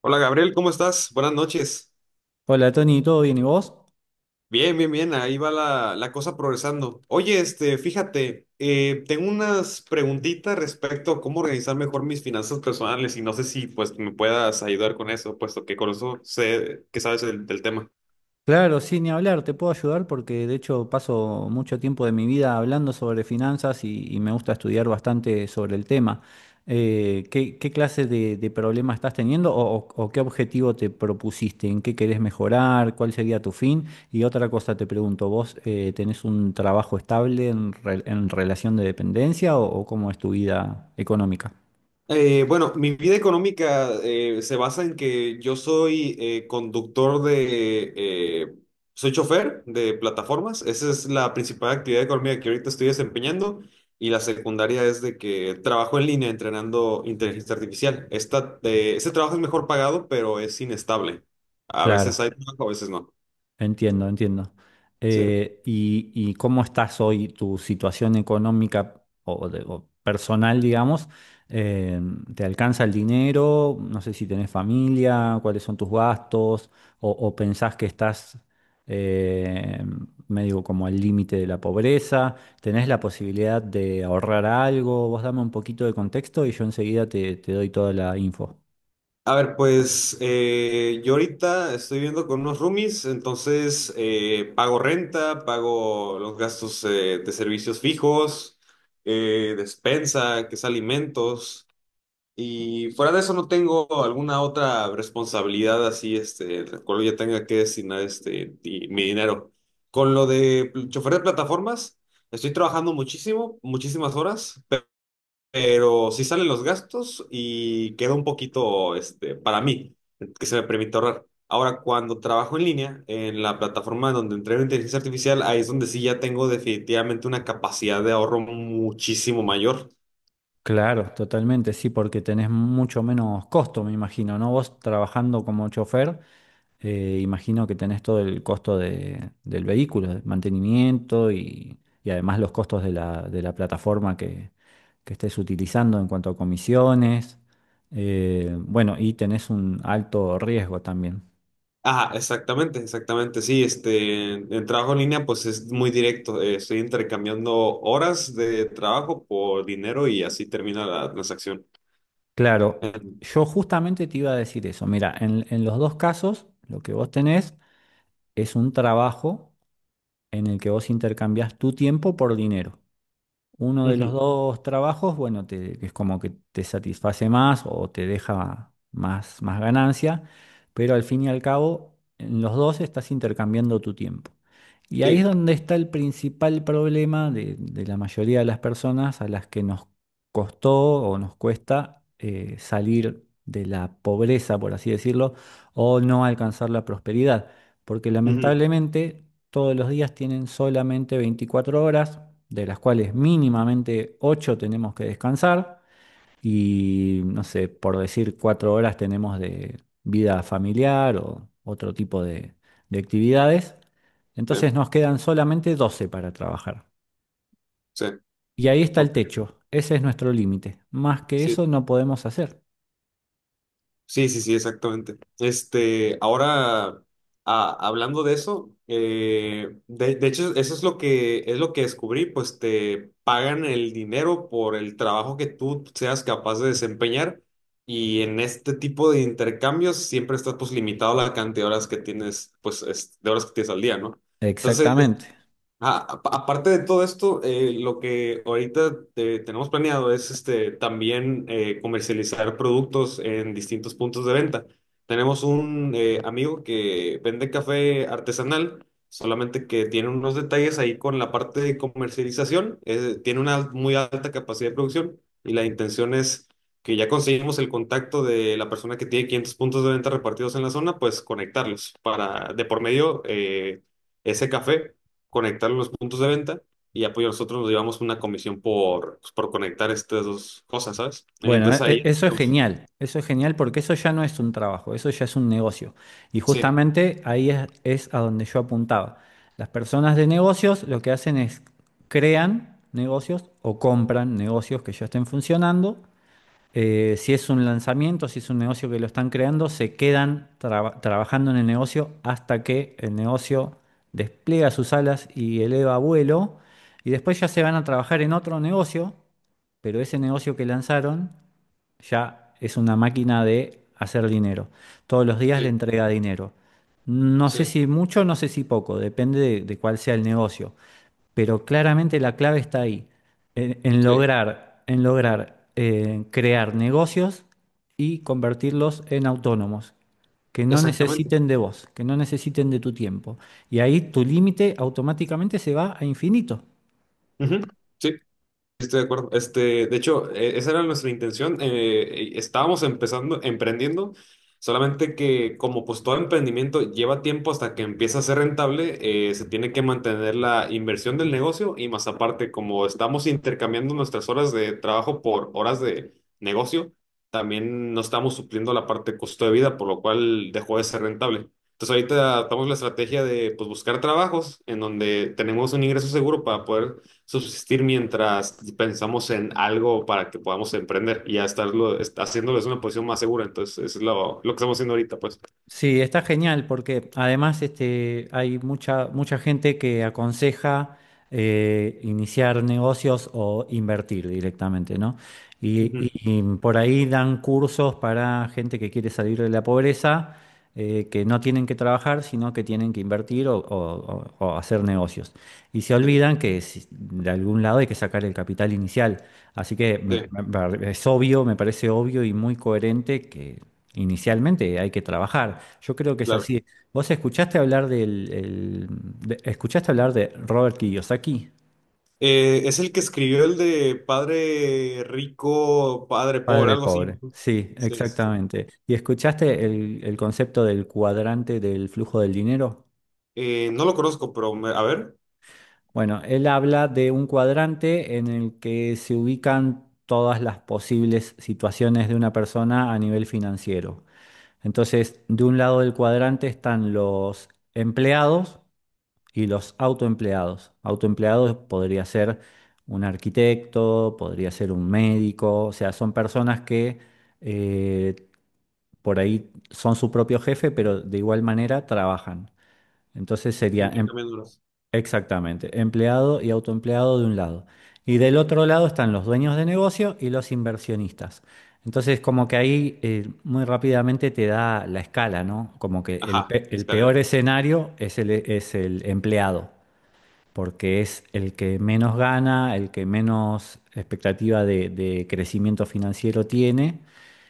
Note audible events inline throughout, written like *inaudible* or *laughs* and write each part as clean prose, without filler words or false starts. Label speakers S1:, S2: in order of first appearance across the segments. S1: Hola Gabriel, ¿cómo estás? Buenas noches.
S2: Hola Tony, ¿todo bien y vos?
S1: Bien, bien, bien, ahí va la cosa progresando. Oye, tengo unas preguntitas respecto a cómo organizar mejor mis finanzas personales y no sé si pues me puedas ayudar con eso, puesto que con eso sé que sabes del tema.
S2: Claro, sin ni hablar, te puedo ayudar porque de hecho paso mucho tiempo de mi vida hablando sobre finanzas y me gusta estudiar bastante sobre el tema. ¿ qué clase de problema estás teniendo o qué objetivo te propusiste? ¿En qué querés mejorar? ¿Cuál sería tu fin? Y otra cosa te pregunto, ¿vos tenés un trabajo estable en relación de dependencia o cómo es tu vida económica?
S1: Bueno, mi vida económica se basa en que yo soy conductor de, eh, soy chofer de plataformas. Esa es la principal actividad económica que ahorita estoy desempeñando. Y la secundaria es de que trabajo en línea entrenando inteligencia artificial. Ese trabajo es mejor pagado, pero es inestable. A
S2: Claro.
S1: veces hay trabajo, a veces no.
S2: Entiendo, entiendo.
S1: Sí.
S2: ¿Y cómo estás hoy, tu situación económica o personal, digamos? Eh, ¿Te alcanza el dinero? No sé si tenés familia, cuáles son tus gastos, o pensás que estás eh, medio como al límite de la pobreza. ¿Tenés la posibilidad de ahorrar algo? Vos dame un poquito de contexto y yo enseguida te doy toda la info.
S1: A ver, pues yo ahorita estoy viviendo con unos roomies, entonces pago renta, pago los gastos de servicios fijos, despensa, que es alimentos, y fuera de eso no tengo alguna otra responsabilidad así, este, la cual yo tenga que destinar mi dinero. Con lo de chofer de plataformas, estoy trabajando muchísimo, muchísimas horas, pero sí salen los gastos y queda un poquito, este, para mí, que se me permite ahorrar. Ahora, cuando trabajo en línea, en la plataforma donde entreno inteligencia artificial, ahí es donde sí ya tengo definitivamente una capacidad de ahorro muchísimo mayor.
S2: Claro, totalmente, sí, porque tenés mucho menos costo, me imagino, ¿no? Vos trabajando como chofer, imagino que tenés todo el costo del vehículo, de mantenimiento y además los costos de de la plataforma que estés utilizando en cuanto a comisiones. Bueno, y tenés un alto riesgo también.
S1: Ah, exactamente, exactamente, sí, este, en trabajo en línea pues es muy directo, estoy intercambiando horas de trabajo por dinero y así termina la transacción.
S2: Claro, yo justamente te iba a decir eso. Mira, en los dos casos, lo que vos tenés es un trabajo en el que vos intercambias tu tiempo por dinero. Uno de los
S1: Ujú,
S2: dos trabajos, bueno, es como que te satisface más o te deja más, más ganancia, pero al fin y al cabo, en los dos estás intercambiando tu tiempo. Y ahí es
S1: sí,
S2: donde está el principal problema de la mayoría de las personas a las que nos costó o nos cuesta salir de la pobreza, por así decirlo, o no alcanzar la prosperidad. Porque
S1: ujú,
S2: lamentablemente todos los días tienen solamente 24 horas, de las cuales mínimamente 8 tenemos que descansar y, no sé, por decir 4 horas tenemos de vida familiar o otro tipo de actividades.
S1: sí,
S2: Entonces nos quedan solamente 12 para trabajar.
S1: sí,
S2: Y ahí está el
S1: ok,
S2: techo, ese es nuestro límite. Más que
S1: sí.
S2: eso no podemos hacer.
S1: Sí, sí, sí, exactamente. Este, ahora, hablando de eso, de hecho, eso es lo que descubrí, pues te pagan el dinero por el trabajo que tú seas capaz de desempeñar y en este tipo de intercambios siempre estás pues limitado a la cantidad de horas que tienes, de horas que tienes al día, ¿no? Entonces
S2: Exactamente.
S1: Aparte de todo esto, lo que ahorita tenemos planeado es este, también comercializar productos en distintos puntos de venta. Tenemos un amigo que vende café artesanal, solamente que tiene unos detalles ahí con la parte de comercialización. Tiene una muy alta capacidad de producción y la intención es que ya conseguimos el contacto de la persona que tiene 500 puntos de venta repartidos en la zona, pues conectarlos para de por medio, ese café, conectar los puntos de venta y apoyo, nosotros nos llevamos una comisión por, pues, por conectar estas dos cosas, ¿sabes?
S2: Bueno,
S1: Entonces ahí, digamos,
S2: eso es genial porque eso ya no es un trabajo, eso ya es un negocio. Y
S1: sí,
S2: justamente ahí es a donde yo apuntaba. Las personas de negocios lo que hacen es crean negocios o compran negocios que ya estén funcionando. Si es un lanzamiento, si es un negocio que lo están creando, se quedan trabajando en el negocio hasta que el negocio despliega sus alas y eleva vuelo. Y después ya se van a trabajar en otro negocio, pero ese negocio que lanzaron ya es una máquina de hacer dinero. Todos los días le
S1: sí,
S2: entrega dinero. No sé
S1: sí,
S2: si mucho, no sé si poco, depende de cuál sea el negocio, pero claramente la clave está ahí,
S1: sí,
S2: en lograr crear negocios y convertirlos en autónomos, que no
S1: exactamente.
S2: necesiten de vos, que no necesiten de tu tiempo. Y ahí tu límite automáticamente se va a infinito.
S1: Ujú, sí. Estoy de acuerdo. Este, de hecho, esa era nuestra intención. Estábamos empezando, emprendiendo, solamente que como pues todo emprendimiento lleva tiempo hasta que empieza a ser rentable, se tiene que mantener la inversión del negocio y más aparte, como estamos intercambiando nuestras horas de trabajo por horas de negocio, también no estamos supliendo la parte de costo de vida, por lo cual dejó de ser rentable. Entonces ahorita adaptamos la estrategia de pues buscar trabajos en donde tenemos un ingreso seguro para poder subsistir mientras pensamos en algo para que podamos emprender y ya estarlo, haciéndolo es una posición más segura. Entonces, eso es lo que estamos haciendo ahorita, pues.
S2: Sí, está genial porque además este, hay mucha, mucha gente que aconseja iniciar negocios o invertir directamente, ¿no? Y, y-
S1: Ujú.
S2: y por ahí dan cursos para gente que quiere salir de la pobreza, que no tienen que trabajar, sino que tienen que invertir o hacer negocios. Y se
S1: Sí,
S2: olvidan que de algún lado hay que sacar el capital inicial. Así que
S1: sí,
S2: es obvio, me parece obvio y muy coherente que inicialmente hay que trabajar. Yo creo que es
S1: claro.
S2: así. ¿Vos escuchaste hablar escuchaste hablar de Robert Kiyosaki?
S1: Es el que escribió el de padre rico, padre pobre,
S2: Padre
S1: algo así,
S2: pobre.
S1: ¿no?
S2: Sí,
S1: Sí, sí, sí.
S2: exactamente. ¿Y escuchaste el concepto del cuadrante del flujo del dinero?
S1: No lo conozco, pero a ver,
S2: Bueno, él habla de un cuadrante en el que se ubican todas las posibles situaciones de una persona a nivel financiero. Entonces, de un lado del cuadrante están los empleados y los autoempleados. Autoempleados podría ser un arquitecto, podría ser un médico, o sea, son personas que eh, por ahí son su propio jefe, pero de igual manera trabajan. Entonces sería
S1: intercambiándolos.
S2: exactamente empleado y autoempleado de un lado. Y del otro lado están los dueños de negocio y los inversionistas. Entonces, como que ahí muy rápidamente te da la escala, ¿no? Como que
S1: Ajá,
S2: el peor
S1: escalera.
S2: escenario es es el empleado, porque es el que menos gana, el que menos expectativa de crecimiento financiero tiene.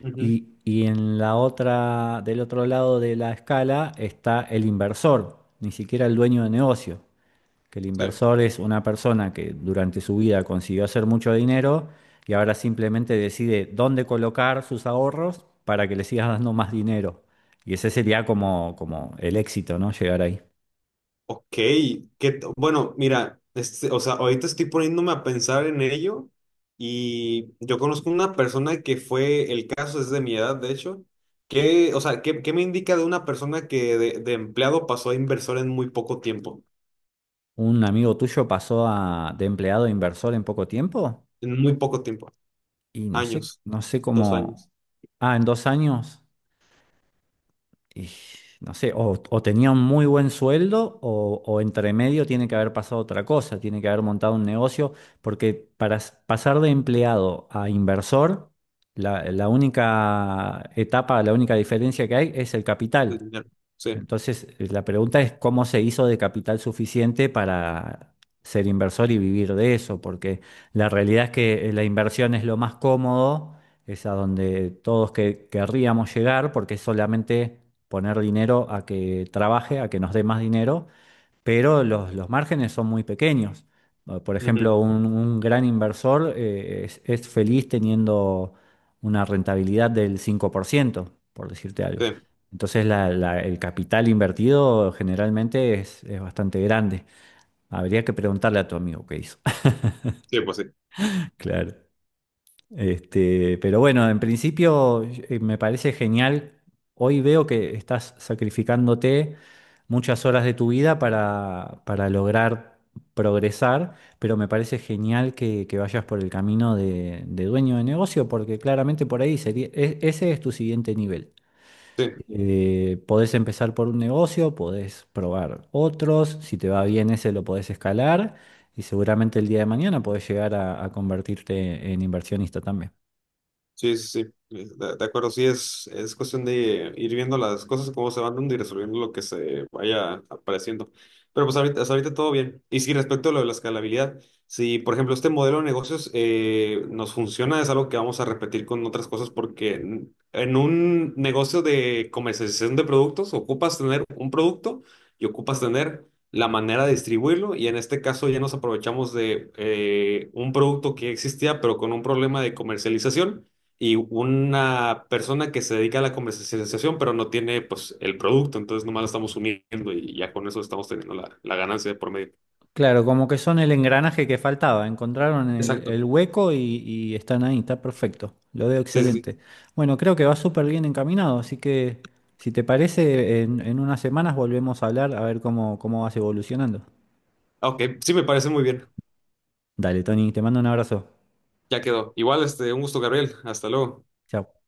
S1: Ujú,
S2: Y en la otra, del otro lado de la escala está el inversor, ni siquiera el dueño de negocio, que el
S1: sí.
S2: inversor es una persona que durante su vida consiguió hacer mucho dinero, y ahora simplemente decide dónde colocar sus ahorros para que le sigas dando más dinero. Y ese sería como, como el éxito, ¿no? Llegar ahí.
S1: Ok, bueno, mira, este, o sea, ahorita estoy poniéndome a pensar en ello y yo conozco una persona que fue, el caso es de mi edad, de hecho, que, o sea, ¿qué, qué me indica de una persona que de empleado pasó a inversor en muy poco tiempo?
S2: Un amigo tuyo pasó a, de empleado a inversor en poco tiempo
S1: En muy poco tiempo,
S2: y no sé,
S1: años,
S2: no sé
S1: 2 años,
S2: cómo, ah, en dos años, y no sé, o tenía un muy buen sueldo o entre medio tiene que haber pasado otra cosa, tiene que haber montado un negocio, porque para pasar de empleado a inversor, la única etapa, la única diferencia que hay es el
S1: de
S2: capital.
S1: dinero, sí,
S2: Entonces, la pregunta es cómo se hizo de capital suficiente para ser inversor y vivir de eso, porque la realidad es que la inversión es lo más cómodo, es a donde todos que querríamos llegar, porque es solamente poner dinero a que trabaje, a que nos dé más dinero, pero los márgenes son muy pequeños. Por
S1: ujú,
S2: ejemplo, un gran inversor es feliz teniendo una rentabilidad del 5%, por ciento, por decirte algo.
S1: sí,
S2: Entonces, el capital invertido generalmente es bastante grande. Habría que preguntarle a tu amigo qué hizo. *laughs*
S1: sí, pues sí,
S2: Claro. Este, pero bueno, en principio me parece genial. Hoy veo que estás sacrificándote muchas horas de tu vida para lograr progresar, pero me parece genial que vayas por el camino de dueño de negocio, porque claramente por ahí sería, ese es tu siguiente nivel.
S1: sí.
S2: Podés empezar por un negocio, podés probar otros, si te va bien ese lo podés escalar y seguramente el día de mañana podés llegar a convertirte en inversionista también.
S1: Sí, sí, sí, de acuerdo, sí, es cuestión de ir viendo las cosas, cómo se van dando y resolviendo lo que se vaya apareciendo. Pero pues ahorita, hasta ahorita todo bien. Y sí, respecto a lo de la escalabilidad, si por ejemplo este modelo de negocios nos funciona, es algo que vamos a repetir con otras cosas porque en un negocio de comercialización de productos ocupas tener un producto y ocupas tener la manera de distribuirlo y en este caso ya nos aprovechamos de un producto que existía pero con un problema de comercialización y una persona que se dedica a la comercialización, pero no tiene pues el producto, entonces nomás lo estamos uniendo y ya con eso estamos teniendo la ganancia de por medio.
S2: Claro, como que son el engranaje que faltaba. Encontraron
S1: Exacto.
S2: el hueco y están ahí, está perfecto. Lo veo
S1: Sí, sí, sí.
S2: excelente. Bueno, creo que va súper bien encaminado, así que si te parece, en unas semanas volvemos a hablar a ver cómo, cómo vas evolucionando.
S1: Ah, ok, sí me parece muy bien.
S2: Dale, Tony, te mando un abrazo.
S1: Ya quedó. Igual, este, un gusto, Gabriel. Hasta luego.
S2: Chao.